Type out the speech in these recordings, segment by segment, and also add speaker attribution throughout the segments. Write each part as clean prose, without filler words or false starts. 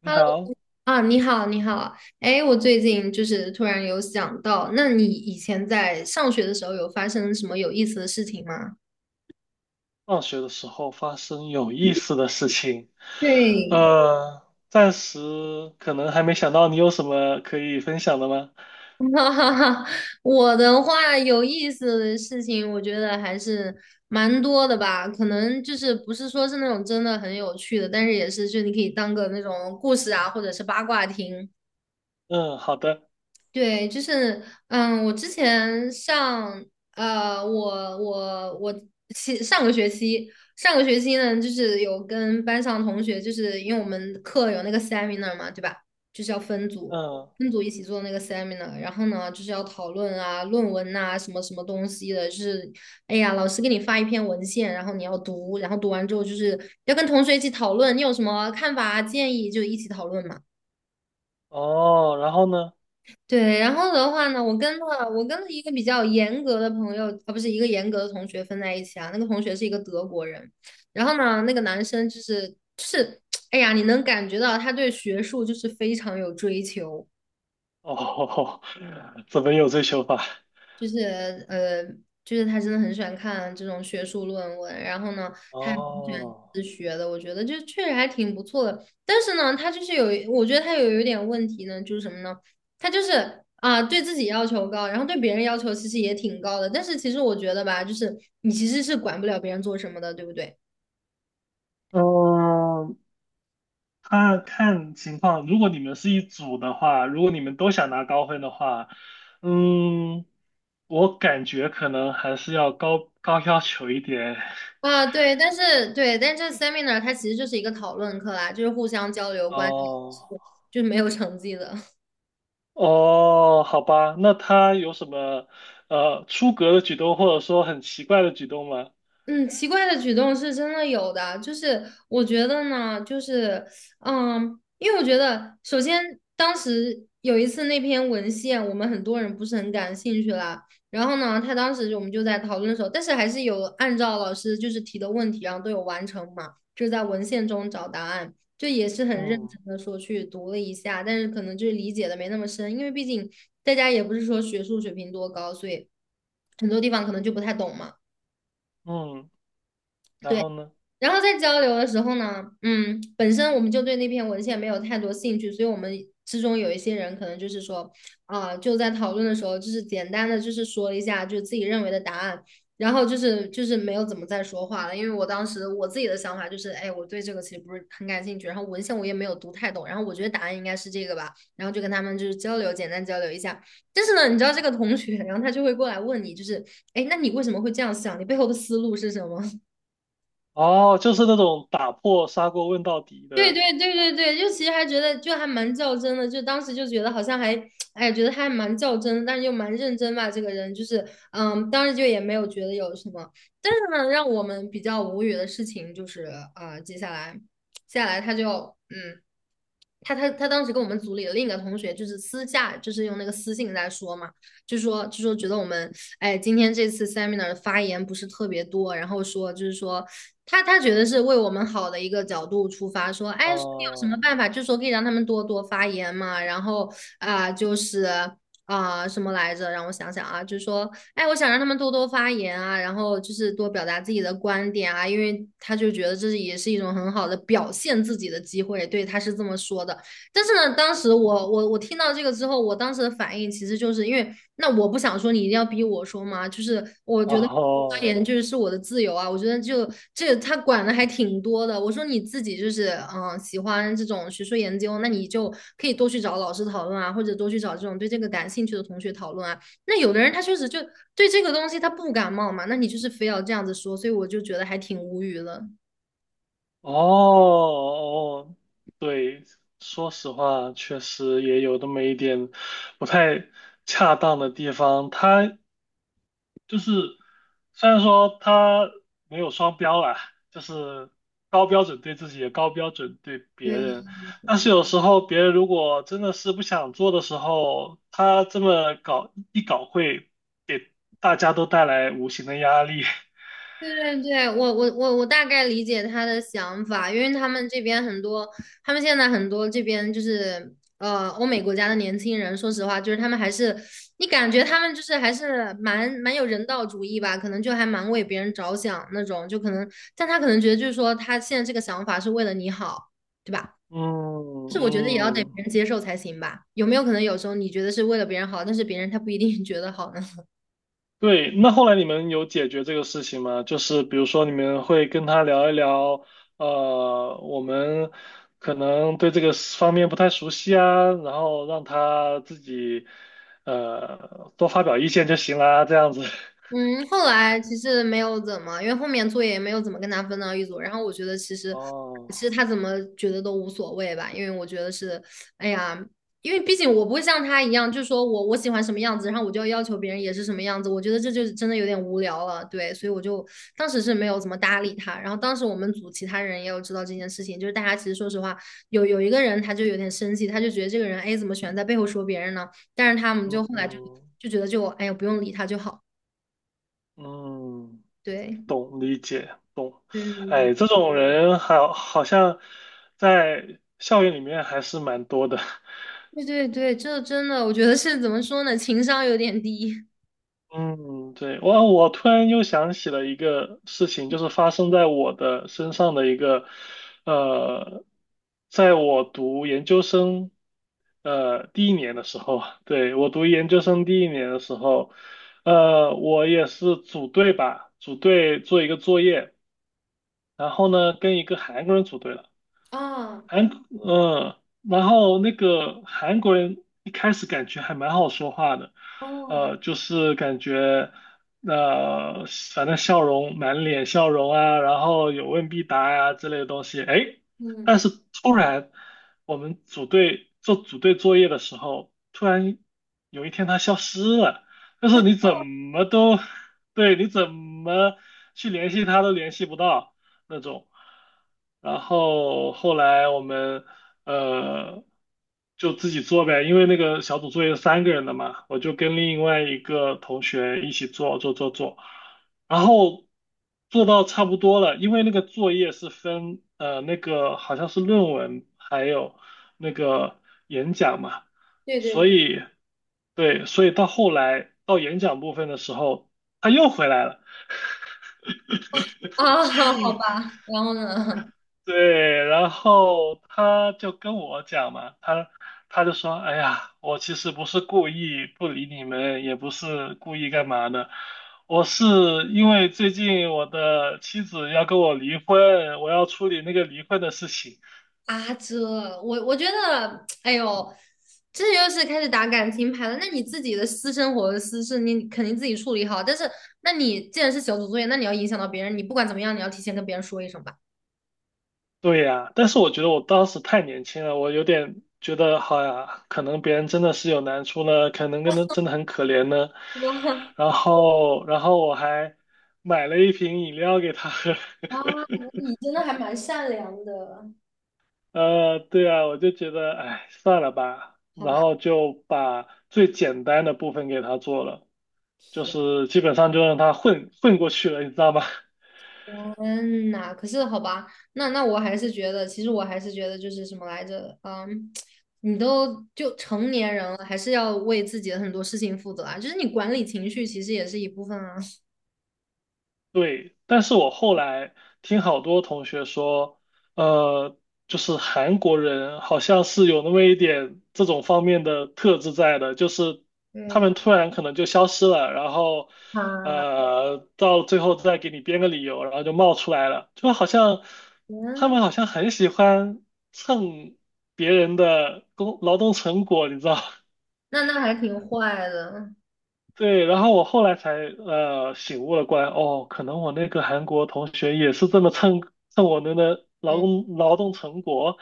Speaker 1: 你
Speaker 2: Hello
Speaker 1: 好。
Speaker 2: 啊，你好，你好。哎，我最近就是突然有想到，那你以前在上学的时候有发生什么有意思的事情吗？
Speaker 1: 放学的时候发生有意思的事情，
Speaker 2: 对，
Speaker 1: 呃，暂时可能还没想到。你有什么可以分享的吗？
Speaker 2: 哈哈哈，我的话有意思的事情，我觉得还是蛮多的吧。可能就是不是说是那种真的很有趣的，但是也是就你可以当个那种故事啊，或者是八卦听。
Speaker 1: 嗯，好的。
Speaker 2: 对，就是，我之前上，我其上个学期，上个学期呢，就是有跟班上同学，就是因为我们课有那个 seminar 嘛，对吧？就是要分组，
Speaker 1: 嗯。
Speaker 2: 分组一起做那个 seminar，然后呢，就是要讨论啊、论文呐、什么什么东西的，就是，哎呀，老师给你发一篇文献，然后你要读，然后读完之后就是要跟同学一起讨论，你有什么看法啊、建议就一起讨论嘛。
Speaker 1: 哦，然后呢？
Speaker 2: 对，然后的话呢，我跟了一个比较严格的朋友，啊，不是一个严格的同学分在一起啊。那个同学是一个德国人，然后呢，那个男生就是就是，哎呀，你能感觉到他对学术就是非常有追求。
Speaker 1: 哦，怎么有追求法？
Speaker 2: 就是呃，就是他真的很喜欢看这种学术论文，然后呢，他也很喜欢
Speaker 1: 哦。
Speaker 2: 自学的，我觉得就确实还挺不错的。但是呢，他就是有一我觉得他有一点问题呢，就是什么呢？他就是啊，对自己要求高，然后对别人要求其实也挺高的。但是其实我觉得吧，就是你其实是管不了别人做什么的，对不对？
Speaker 1: 嗯，看看情况，如果你们是一组的话，如果你们都想拿高分的话，嗯，我感觉可能还是要高高要求一点。
Speaker 2: 啊，对，但是对，但这 seminar 它其实就是一个讨论课啦，就是互相交流观点，是
Speaker 1: 哦。
Speaker 2: 就是没有成绩的。
Speaker 1: 哦，好吧，那他有什么出格的举动，或者说很奇怪的举动吗？
Speaker 2: 嗯，奇怪的举动是真的有的，就是我觉得呢，就是，因为我觉得，首先当时有一次那篇文献，我们很多人不是很感兴趣啦，然后呢，他当时就我们就在讨论的时候，但是还是有按照老师就是提的问题，然后都有完成嘛，就在文献中找答案，就也是很认
Speaker 1: 嗯
Speaker 2: 真的说去读了一下，但是可能就是理解的没那么深，因为毕竟大家也不是说学术水平多高，所以很多地方可能就不太懂嘛。
Speaker 1: 嗯，然
Speaker 2: 对，
Speaker 1: 后呢？
Speaker 2: 然后在交流的时候呢，嗯，本身我们就对那篇文献没有太多兴趣，所以我们之中有一些人可能就是说，啊、就在讨论的时候，就是简单的就是说了一下，就自己认为的答案，然后就是没有怎么再说话了，因为我当时我自己的想法就是，哎，我对这个其实不是很感兴趣，然后文献我也没有读太懂，然后我觉得答案应该是这个吧，然后就跟他们就是交流，简单交流一下，但是呢，你知道这个同学，然后他就会过来问你，就是，哎，那你为什么会这样想？你背后的思路是什么？
Speaker 1: 哦，就是那种打破砂锅问到底
Speaker 2: 对
Speaker 1: 的。
Speaker 2: 对对对对，就其实还觉得就还蛮较真的，就当时就觉得好像还，哎呀觉得他还蛮较真的但是又蛮认真吧，这个人就是，当时就也没有觉得有什么。但是呢，让我们比较无语的事情就是，啊、接下来，接下来他就，嗯，他当时跟我们组里的另一个同学就是私下就是用那个私信在说嘛，就说觉得我们，哎，今天这次 seminar 的发言不是特别多，然后说就是说。他觉得是为我们好的一个角度出发，说，哎，有什么
Speaker 1: 哦
Speaker 2: 办法，就说可以让他们多多发言嘛，然后啊、就是啊、什么来着，让我想想啊，就是说，哎，我想让他们多多发言啊，然后就是多表达自己的观点啊，因为他就觉得这是也是一种很好的表现自己的机会，对，他是这么说的。但是呢，当时我听到这个之后，我当时的反应其实就是因为，那我不想说，你一定要逼我说嘛，就是我
Speaker 1: 哦
Speaker 2: 觉得发
Speaker 1: 哦
Speaker 2: 言就是是我的自由啊，我觉得就这个他管的还挺多的。我说你自己就是喜欢这种学术研究，那你就可以多去找老师讨论啊，或者多去找这种对这个感兴趣的同学讨论啊。那有的人他确实就对这个东西他不感冒嘛，那你就是非要这样子说，所以我就觉得还挺无语的。
Speaker 1: 哦，对，说实话，确实也有那么一点不太恰当的地方。他就是虽然说他没有双标啦，就是高标准对自己，也高标准对别人，但是有时候别人如果真的是不想做的时候，他这么搞一搞会给大家都带来无形的压力。
Speaker 2: 对对对，我大概理解他的想法，因为他们这边很多，他们现在很多这边就是欧美国家的年轻人，说实话，就是他们还是你感觉他们就是还是蛮蛮有人道主义吧，可能就还蛮为别人着想那种，就可能，但他可能觉得就是说他现在这个想法是为了你好，对吧？但
Speaker 1: 嗯
Speaker 2: 是我觉得也要得别
Speaker 1: 嗯。
Speaker 2: 人接受才行吧，有没有可能有时候你觉得是为了别人好，但是别人他不一定觉得好呢？
Speaker 1: 对，那后来你们有解决这个事情吗？就是比如说你们会跟他聊一聊，我们可能对这个方面不太熟悉啊，然后让他自己多发表意见就行啦，这样子。
Speaker 2: 嗯，后来其实没有怎么，因为后面作业也没有怎么跟他分到一组。然后我觉得其实，其
Speaker 1: 哦。
Speaker 2: 实他怎么觉得都无所谓吧，因为我觉得是，哎呀，因为毕竟我不会像他一样，就说我我喜欢什么样子，然后我就要要求别人也是什么样子。我觉得这就是真的有点无聊了，对，所以我就当时是没有怎么搭理他。然后当时我们组其他人也有知道这件事情，就是大家其实说实话，有一个人他就有点生气，他就觉得这个人，哎，怎么喜欢在背后说别人呢？但是他们就后来就
Speaker 1: 嗯
Speaker 2: 就觉得就，哎呀，不用理他就好，
Speaker 1: 嗯，
Speaker 2: 对。
Speaker 1: 懂，理解，懂。
Speaker 2: 对对对
Speaker 1: 哎，这种人好，好像在校园里面还是蛮多的。
Speaker 2: 对对，对，这真的，我觉得是怎么说呢，情商有点低
Speaker 1: 嗯，对，我突然又想起了一个事情，就是发生在我的身上的一个，呃，在我读研究生，第一年的时候，对，我读研究生第一年的时候，我也是组队吧，组队做一个作业，然后呢，跟一个韩国人组队了。
Speaker 2: 啊，
Speaker 1: 韩，然后那个韩国人一开始感觉还蛮好说话的，
Speaker 2: 哦，
Speaker 1: 就是感觉，呃，反正笑容满脸笑容啊，然后有问必答呀、之类的东西，哎，但
Speaker 2: 嗯，
Speaker 1: 是突然我们组队做组队作业的时候，突然有一天他消失了，就是你怎么都，对，你怎么去联系他都联系不到。那种。然后后来我们呃就自己做呗，因为那个小组作业三个人的嘛，我就跟另外一个同学一起做，然后做到差不多了，因为那个作业是分那个好像是论文还有那个演讲嘛，
Speaker 2: 对对
Speaker 1: 所
Speaker 2: 对，
Speaker 1: 以对，所以到后来到演讲部分的时候，他又回来了。
Speaker 2: 啊，好吧，然后呢？
Speaker 1: 对，然后他就跟我讲嘛，他就说，哎呀，我其实不是故意不理你们，也不是故意干嘛的，我是因为最近我的妻子要跟我离婚，我要处理那个离婚的事情。
Speaker 2: 啊，这我觉得，哎呦，这又是开始打感情牌了。那你自己的私生活的私事，你肯定自己处理好。但是，那你既然是小组作业，那你要影响到别人，你不管怎么样，你要提前跟别人说一声吧。
Speaker 1: 对呀，但是我觉得我当时太年轻了，我有点觉得，好呀，可能别人真的是有难处呢，可能跟他真的很可怜呢。然后，然后我还买了一瓶饮料给他喝。
Speaker 2: 哇啊，你真的还蛮善良的，
Speaker 1: 对啊，我就觉得，哎，算了吧，
Speaker 2: 好
Speaker 1: 然
Speaker 2: 吧。
Speaker 1: 后就把最简单的部分给他做了，就
Speaker 2: 天。
Speaker 1: 是基本上就让他混混过去了，你知道吗？
Speaker 2: 天呐，可是好吧，那我还是觉得，其实我还是觉得就是什么来着，你都就成年人了，还是要为自己的很多事情负责啊。就是你管理情绪，其实也是一部分啊。
Speaker 1: 对，但是我后来听好多同学说，呃，就是韩国人好像是有那么一点这种方面的特质在的，就是他
Speaker 2: 对
Speaker 1: 们突然可能就消失了，然后，
Speaker 2: 啊，
Speaker 1: 到最后再给你编个理由，然后就冒出来了，就好像他
Speaker 2: 天，
Speaker 1: 们好像很喜欢蹭别人的工劳动成果，你知道？
Speaker 2: 那还挺坏的。
Speaker 1: 对，然后我后来才醒悟了过来，哦，可能我那个韩国同学也是这么蹭我们的劳
Speaker 2: 对，
Speaker 1: 动劳动成果，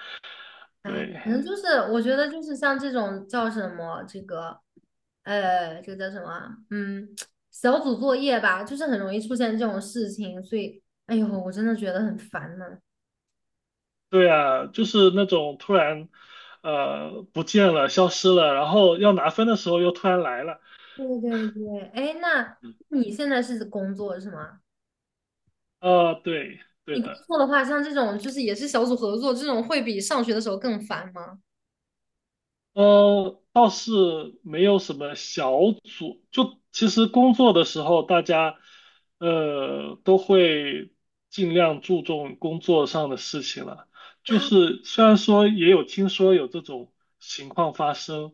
Speaker 2: 哎，
Speaker 1: 对
Speaker 2: 可能就是我觉得就是像这种叫什么这个，这个叫什么啊，小组作业吧，就是很容易出现这种事情，所以，哎呦，我真的觉得很烦呢。
Speaker 1: 对啊，就是那种突然不见了、消失了，然后要拿分的时候又突然来了。
Speaker 2: 对对对，哎，那你现在是工作是吗？
Speaker 1: 对，对
Speaker 2: 你工
Speaker 1: 的。
Speaker 2: 作的话，像这种就是也是小组合作这种，会比上学的时候更烦吗？
Speaker 1: 倒是没有什么小组，就其实工作的时候，大家都会尽量注重工作上的事情了。就
Speaker 2: 啊，
Speaker 1: 是虽然说也有听说有这种情况发生，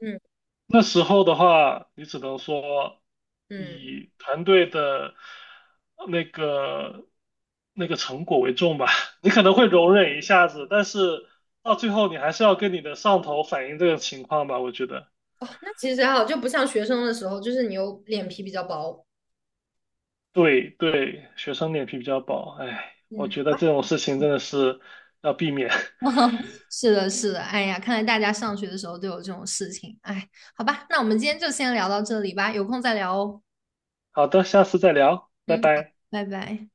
Speaker 2: 嗯
Speaker 1: 那时候的话，你只能说
Speaker 2: 嗯，
Speaker 1: 以团队的那个那个成果为重吧。你可能会容忍一下子，但是到最后你还是要跟你的上头反映这个情况吧，我觉得。
Speaker 2: 哦，那其实还好，就不像学生的时候，就是你有脸皮比较薄。
Speaker 1: 对对，学生脸皮比较薄，哎，我
Speaker 2: 嗯，
Speaker 1: 觉得
Speaker 2: 好吧。
Speaker 1: 这种事情真的是要避免。
Speaker 2: 是的，是的，哎呀，看来大家上学的时候都有这种事情，哎，好吧，那我们今天就先聊到这里吧，有空再聊哦。
Speaker 1: 好的，下次再聊，拜
Speaker 2: 嗯，好，
Speaker 1: 拜。
Speaker 2: 拜拜。